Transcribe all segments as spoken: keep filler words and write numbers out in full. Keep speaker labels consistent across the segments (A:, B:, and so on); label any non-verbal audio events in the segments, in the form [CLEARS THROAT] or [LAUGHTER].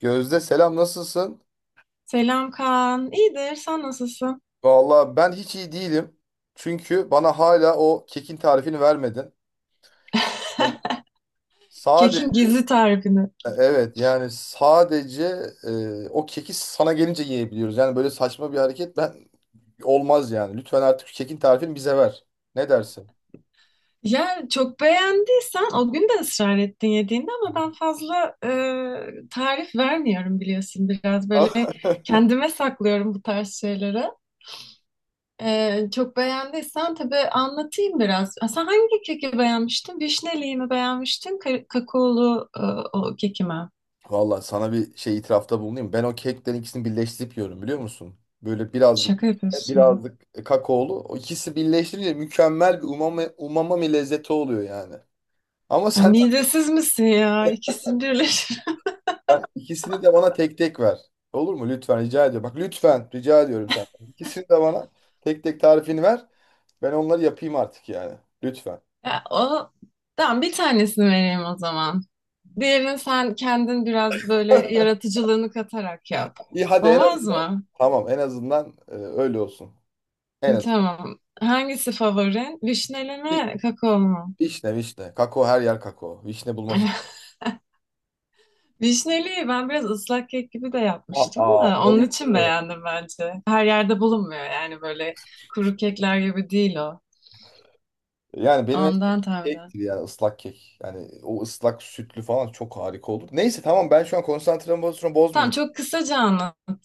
A: Gözde selam, nasılsın?
B: Selam Kaan. İyidir. Sen nasılsın?
A: Vallahi ben hiç iyi değilim. Çünkü bana hala o kekin tarifini vermedin.
B: [LAUGHS]
A: Sadece
B: Kekin gizli tarifini.
A: evet, yani sadece e, o keki sana gelince yiyebiliyoruz. Yani böyle saçma bir hareket, ben olmaz yani. Lütfen artık şu kekin tarifini bize ver. Ne dersin?
B: Ya çok beğendiysen o gün de ısrar ettin yediğinde ama ben fazla e, tarif vermiyorum biliyorsun. Biraz böyle
A: [LAUGHS]
B: kendime saklıyorum bu tarz şeyleri. E, çok beğendiysen tabii anlatayım biraz. Ha, sen hangi keki beğenmiştin? Vişneliği mi beğenmiştin? Ka- kakaolu e, o keki mi?
A: Vallahi sana bir şey itirafta bulunayım. Ben o keklerin ikisini birleştirip yiyorum, biliyor musun? Böyle birazcık
B: Şaka yapıyorsun.
A: birazcık kakaolu. O ikisi birleştirince mükemmel bir umami, umami lezzeti oluyor yani. Ama
B: Ya,
A: sen,
B: midesiz misin ya? İkisini birleştir.
A: ben ikisini de bana tek tek ver. Olur mu? Lütfen rica ediyorum. Bak lütfen rica ediyorum senden. İkisini de bana tek tek tarifini ver. Ben onları yapayım artık yani. Lütfen.
B: Ya, o tamam, bir tanesini vereyim o zaman. Diğerini sen kendin biraz böyle yaratıcılığını katarak yap.
A: İyi hadi, en
B: Olmaz
A: azından.
B: mı?
A: Tamam, en azından e, öyle olsun. En az.
B: Tamam. Hangisi favorin? Vişneli
A: Vi-
B: mi, kakao mu?
A: Vişne, vişne. Kakao her yer kakao. Vişne bulması.
B: [LAUGHS] Vişneliyi ben biraz ıslak kek gibi de yapmıştım
A: Aa,
B: da onun için
A: bayılırım.
B: beğendim bence. Her yerde bulunmuyor yani böyle kuru kekler gibi değil o.
A: Yani benim en sevdiğim
B: Ondan tahminen.
A: kektir yani, ıslak kek. Yani o ıslak sütlü falan çok harika olur. Neyse tamam, ben şu an konsantremi
B: Tamam,
A: bozmayacağım.
B: çok kısaca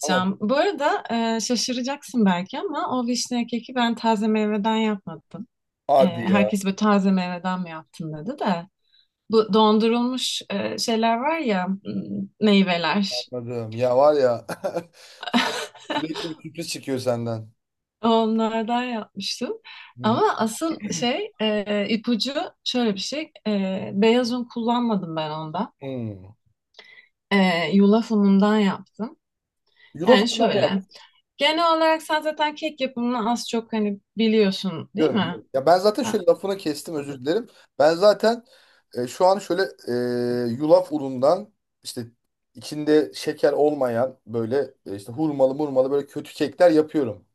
A: Tamam.
B: Bu arada e, şaşıracaksın belki ama o vişne keki ben taze meyveden yapmadım. E,
A: Hadi ya.
B: herkes böyle taze meyveden mi yaptın dedi de. Bu dondurulmuş e, şeyler var ya, m, meyveler.
A: Anladım. Ya var ya [LAUGHS] sürekli bir sürpriz çıkıyor senden.
B: Onlardan yapmıştım.
A: Hı hı.
B: Ama asıl
A: [CLEARS THROAT]
B: şey e, ipucu şöyle bir şey. E, beyaz un kullanmadım ben onda.
A: Hmm.
B: E, yulaf unundan yaptım.
A: Yulaf
B: Yani
A: ne
B: şöyle.
A: yap.
B: Genel olarak sen zaten kek yapımını az çok hani biliyorsun değil
A: Diyorum,
B: mi?
A: diyorum. Ya ben zaten
B: Ha,
A: şöyle, lafını kestim, özür dilerim. Ben zaten e, şu an şöyle e, yulaf unundan işte içinde şeker olmayan böyle e, işte hurmalı murmalı böyle kötü kekler yapıyorum.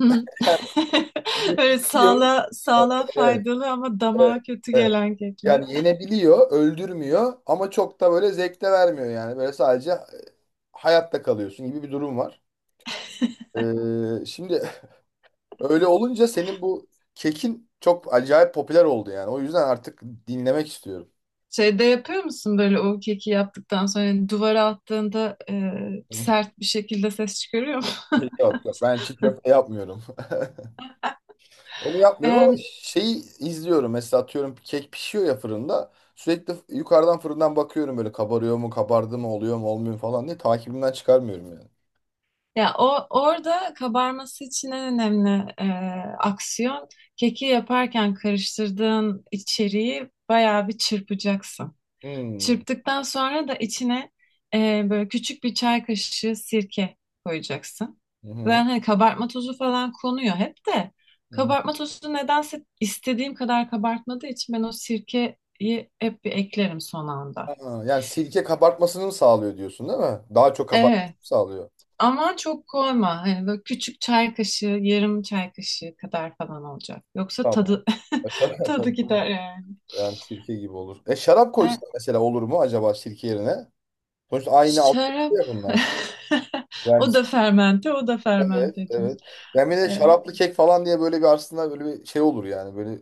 B: hı hı. [LAUGHS] Evet,
A: Yenebiliyor.
B: sağlığa, sağlığa
A: Evet,
B: faydalı ama
A: evet,
B: damağa kötü
A: evet.
B: gelen kekler.
A: Yani yenebiliyor, öldürmüyor ama çok da böyle zevk de vermiyor yani. Böyle sadece e, hayatta kalıyorsun gibi bir durum var. Ee, şimdi öyle olunca senin bu kekin çok acayip popüler oldu yani. O yüzden artık dinlemek istiyorum.
B: Şeyde yapıyor musun böyle o keki yaptıktan sonra yani duvara attığında e,
A: [LAUGHS]
B: sert bir şekilde ses çıkarıyor mu?
A: Yok yok, ben çiğ köfte yapmıyorum. [LAUGHS] Onu yapmıyorum ama
B: [LAUGHS]
A: şeyi izliyorum. Mesela atıyorum kek pişiyor ya fırında. Sürekli f- yukarıdan fırından bakıyorum böyle kabarıyor mu, kabardı mı, oluyor mu, olmuyor mu falan diye takibimden çıkarmıyorum yani.
B: Ya o orada kabarması için en önemli e, aksiyon, keki yaparken karıştırdığın içeriği bayağı bir çırpacaksın.
A: Hmm.
B: Çırptıktan sonra da içine e, böyle küçük bir çay kaşığı sirke koyacaksın.
A: Hı hı.
B: Ben hani kabartma tozu falan konuyor hep de
A: Hı hı.
B: kabartma tozu nedense istediğim kadar kabartmadığı için ben o sirkeyi hep bir eklerim son
A: Ha,
B: anda.
A: yani sirke kabartmasını mı sağlıyor diyorsun değil mi? Daha çok kabartmasını
B: Evet.
A: mı sağlıyor?
B: Ama çok koyma. Hani böyle küçük çay kaşığı, yarım çay kaşığı kadar falan olacak. Yoksa
A: Tamam.
B: tadı [LAUGHS] tadı gider yani.
A: Yani sirke gibi olur. E şarap
B: E,
A: koysak mesela, olur mu acaba sirke yerine? Sonuçta aynı altyapı
B: Şarap.
A: ya bunlar.
B: [LAUGHS]
A: Yani
B: O da fermente, o da
A: evet,
B: fermente diyoruz.
A: evet. Yani bir de
B: E,
A: şaraplı kek falan diye böyle bir, aslında böyle bir şey olur yani. Böyle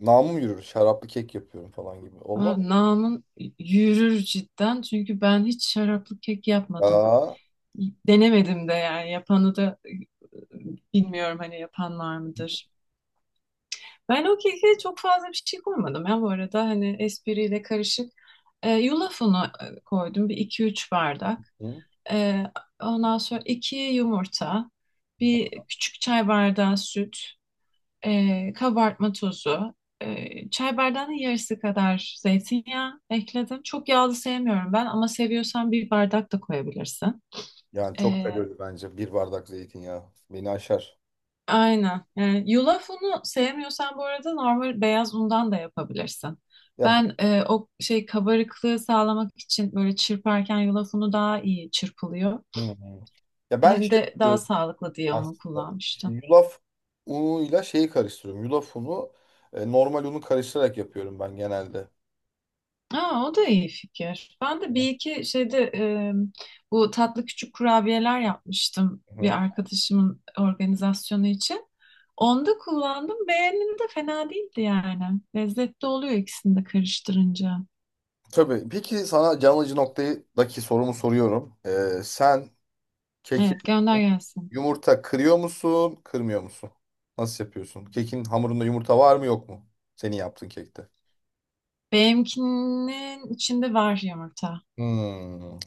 A: namım yürür. Şaraplı kek yapıyorum falan gibi. Olmaz.
B: Aa, namın yürür cidden. Çünkü ben hiç şaraplı kek yapmadım.
A: Aa.
B: Denemedim de yani. Yapanı da e, bilmiyorum, hani yapan var mıdır. Ben o keke çok fazla bir şey koymadım ya bu arada, hani espriyle karışık. E, yulaf unu e, koydum bir iki üç bardak.
A: Hı.
B: E, Ondan sonra iki yumurta, bir küçük çay bardağı süt, e, kabartma tozu, e, çay bardağının yarısı kadar zeytinyağı ekledim. Çok yağlı sevmiyorum ben ama seviyorsan bir bardak da koyabilirsin.
A: Yani çok
B: Ee,
A: kalorili bence bir bardak zeytinyağı. Beni aşar.
B: Aynen. E, yulaf unu sevmiyorsan bu arada normal beyaz undan da yapabilirsin.
A: Ya,
B: Ben e, o şey, kabarıklığı sağlamak için böyle çırparken yulaf unu daha iyi çırpılıyor.
A: hı, hı, ya ben
B: Hem
A: şey
B: de daha
A: yapıyorum
B: sağlıklı diye onu
A: aslında. İşte
B: kullanmıştım.
A: yulaf unuyla şeyi karıştırıyorum. Yulaf unu, e, normal unu karıştırarak yapıyorum ben genelde.
B: Aa, o da iyi fikir. Ben de bir iki şeyde e, bu tatlı küçük kurabiyeler yapmıştım bir
A: Hı.
B: arkadaşımın organizasyonu için. Onda kullandım. Beğenildi de fena değildi yani. Lezzetli oluyor ikisini de karıştırınca.
A: Tabii. Peki sana can alıcı noktadaki sorumu soruyorum. Ee, sen keki
B: Evet, gönder gelsin.
A: yumurta kırıyor musun, kırmıyor musun? Nasıl yapıyorsun? Kekin hamurunda yumurta var mı yok mu? Senin yaptığın kekte.
B: Benimkinin içinde var yumurta.
A: Hmm.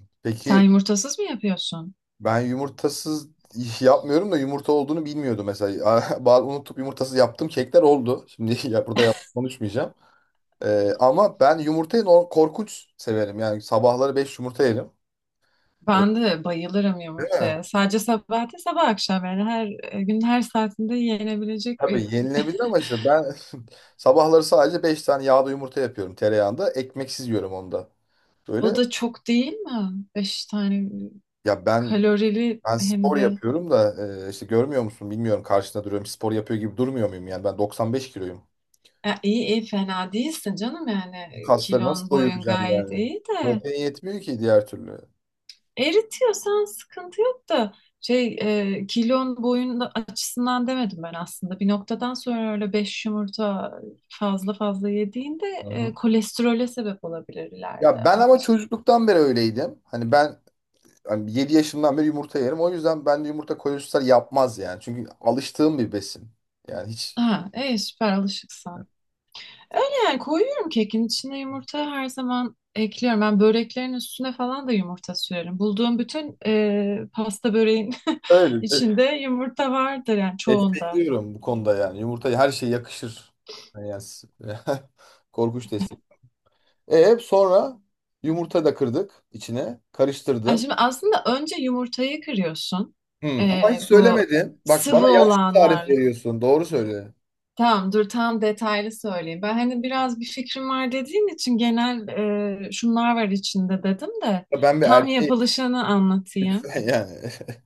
B: Sen
A: Peki
B: yumurtasız mı yapıyorsun?
A: ben yumurtasız iş yapmıyorum da yumurta olduğunu bilmiyordum mesela. [LAUGHS] Bazı unutup yumurtasız yaptığım kekler oldu. Şimdi [LAUGHS] ya burada yalan konuşmayacağım. Ee, ama ben yumurtayı nor- korkunç severim. Yani sabahları beş yumurta yerim.
B: Ben de bayılırım yumurtaya. Sadece sabah değil, sabah akşam yani her e, gün, her saatinde yenebilecek bir.
A: Tabii yenilebilir ama işte ben [LAUGHS] sabahları sadece beş tane yağda yumurta yapıyorum, tereyağında. Ekmeksiz yiyorum onda.
B: O
A: Böyle,
B: da çok değil mi? Beş tane,
A: ya ben
B: kalorili
A: ben
B: hem
A: spor
B: de.
A: yapıyorum da e, işte görmüyor musun bilmiyorum, karşında duruyorum, spor yapıyor gibi durmuyor muyum yani, ben doksan beş kiloyum.
B: Ya iyi, iyi, fena değilsin canım yani,
A: Bu kasları nasıl
B: kilon boyun
A: doyuracağım
B: gayet
A: yani?
B: iyi de.
A: Protein yetmiyor ki diğer türlü.
B: Eritiyorsan sıkıntı yok da şey e, kilon boyun açısından demedim ben aslında. Bir noktadan sonra öyle beş yumurta fazla fazla yediğinde
A: Hı
B: e,
A: hı.
B: kolesterole sebep olabilir
A: Ya
B: ileride,
A: ben
B: onun
A: ama
B: için.
A: çocukluktan beri öyleydim. Hani ben hani yedi yaşından beri yumurta yerim. O yüzden ben de yumurta kolesterol yapmaz yani. Çünkü alıştığım bir besin. Yani hiç.
B: Ha, e, süper alışıksan. Yani koyuyorum, kekin içine yumurta her zaman ekliyorum. Ben böreklerin üstüne falan da yumurta sürerim. Bulduğum bütün e, pasta böreğin [LAUGHS]
A: Öyle. [LAUGHS]
B: içinde yumurta vardır yani, çoğunda.
A: Destekliyorum bu konuda yani. Yumurta her şeye yakışır. Yani s- [LAUGHS] korkunç destek. E sonra yumurta da kırdık içine.
B: Yani
A: Karıştırdın.
B: şimdi aslında önce yumurtayı kırıyorsun.
A: Hmm, ama hiç
B: Ee, bu
A: söylemedin. Bak
B: sıvı
A: bana yanlış bir tarif
B: olanlarla.
A: veriyorsun. Doğru söyle.
B: Tamam, dur, tam detaylı söyleyeyim. Ben hani biraz bir fikrim var dediğin için genel e, şunlar var içinde dedim de,
A: Ben bir
B: tam
A: erkeğim.
B: yapılışını anlatayım.
A: Lütfen yani. [LAUGHS]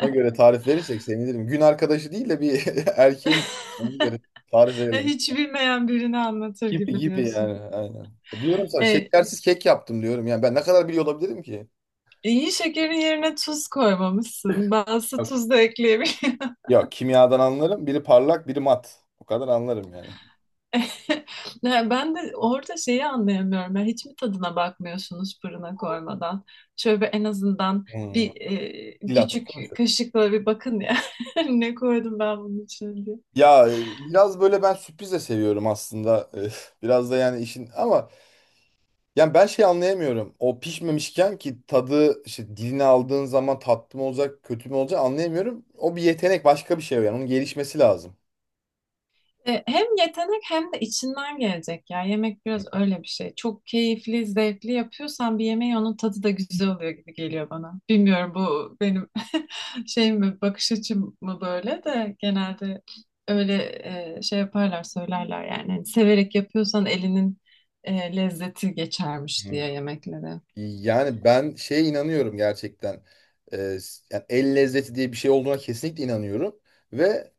A: Ona göre tarif verirsek sevinirim. Gün arkadaşı değil de bir [LAUGHS] erkeğim. Ona göre tarif
B: [LAUGHS]
A: verelim.
B: Hiç bilmeyen birini anlatır
A: Gibi
B: gibi
A: gibi
B: diyorsun.
A: yani. Aynen. Diyorum sana,
B: Ee,
A: şekersiz kek yaptım diyorum. Yani ben ne kadar biliyor olabilirim ki?
B: iyi şekerin yerine tuz koymamışsın. Bazısı tuz da ekleyebilir.
A: Ya kimyadan anlarım. Biri parlak, biri mat. O kadar anlarım yani.
B: [LAUGHS] Ne, ben de orada şeyi anlayamıyorum. Ya hiç mi tadına bakmıyorsunuz fırına koymadan? Şöyle bir, en azından
A: Hmm.
B: bir e,
A: Dil
B: küçük
A: atmamışım.
B: kaşıkla bir bakın ya. [LAUGHS] Ne koydum ben bunun için diye.
A: Ya e, biraz böyle ben sürpriz de seviyorum aslında. E, [LAUGHS] biraz da yani işin, ama yani ben şey anlayamıyorum. O pişmemişken ki tadı işte diline aldığın zaman tatlı mı olacak, kötü mü olacak anlayamıyorum. O bir yetenek, başka bir şey yani, onun gelişmesi lazım.
B: E, Hem yetenek hem de içinden gelecek ya. Yemek biraz öyle bir şey. Çok keyifli, zevkli yapıyorsan bir yemeği, onun tadı da güzel oluyor gibi geliyor bana. Bilmiyorum, bu benim [LAUGHS] şey mi, bakış açım mı böyle, de genelde öyle e, şey yaparlar, söylerler yani. Hani severek yapıyorsan elinin e, lezzeti geçermiş
A: Hmm.
B: diye yemeklere.
A: Yani ben şeye inanıyorum gerçekten. Ee, Yani el lezzeti diye bir şey olduğuna kesinlikle inanıyorum. Ve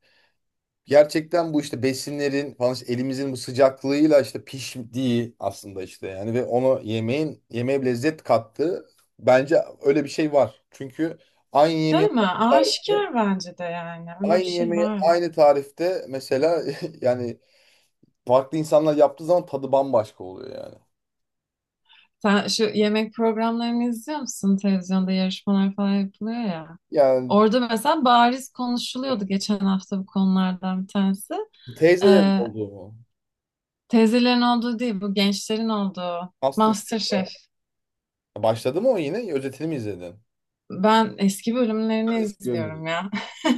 A: gerçekten bu işte besinlerin falan işte elimizin bu sıcaklığıyla işte piştiği aslında işte yani, ve onu yemeğin yemeğe bir lezzet kattığı, bence öyle bir şey var. Çünkü aynı
B: Değil
A: yemeği
B: mi? Aşikar bence de yani. Öyle bir
A: aynı
B: şey
A: yemeği
B: var.
A: aynı tarifte mesela, [LAUGHS] yani farklı insanlar yaptığı zaman tadı bambaşka oluyor yani.
B: Sen şu yemek programlarını izliyor musun? Televizyonda yarışmalar falan yapılıyor ya.
A: Yani
B: Orada mesela bariz konuşuluyordu geçen hafta, bu konulardan bir tanesi.
A: teyzelerin
B: Ee,
A: olduğu mu?
B: Teyzelerin olduğu değil, bu gençlerin olduğu.
A: MasterChef var.
B: MasterChef.
A: Başladı mı o yine? Özetini mi izledin?
B: Ben eski bölümlerini
A: Eski bölümleri.
B: izliyorum ya. [LAUGHS]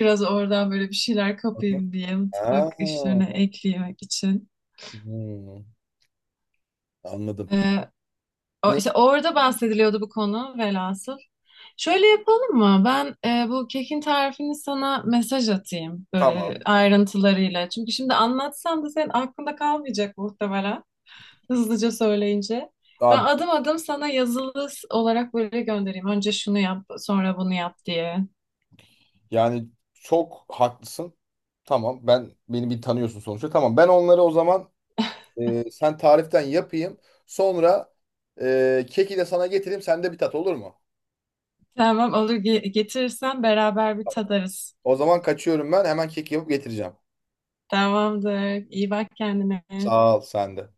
B: Biraz oradan böyle bir şeyler kapayım diye,
A: Ha,
B: mutfak işlerine eklemek için.
A: hmm, anladım.
B: Ee, o-
A: Ne,
B: işte orada bahsediliyordu bu konu, velhasıl. Şöyle yapalım mı? Ben e, bu kekin tarifini sana mesaj atayım, böyle
A: tamam.
B: ayrıntılarıyla. Çünkü şimdi anlatsam da senin aklında kalmayacak muhtemelen, hızlıca söyleyince. Ben
A: Abi,
B: adım adım sana yazılı s- olarak böyle göndereyim. Önce şunu yap, sonra bunu yap diye.
A: yani çok haklısın. Tamam ben, beni bir tanıyorsun sonuçta. Tamam ben onları o zaman e, sen tariften yapayım. Sonra e, keki de sana getireyim. Sen de bir tat, olur mu?
B: Tamam, olur, ge- getirirsen beraber bir tadarız.
A: O zaman kaçıyorum ben. Hemen kek yapıp getireceğim.
B: Tamamdır. İyi bak kendine.
A: Sağ ol, sen de.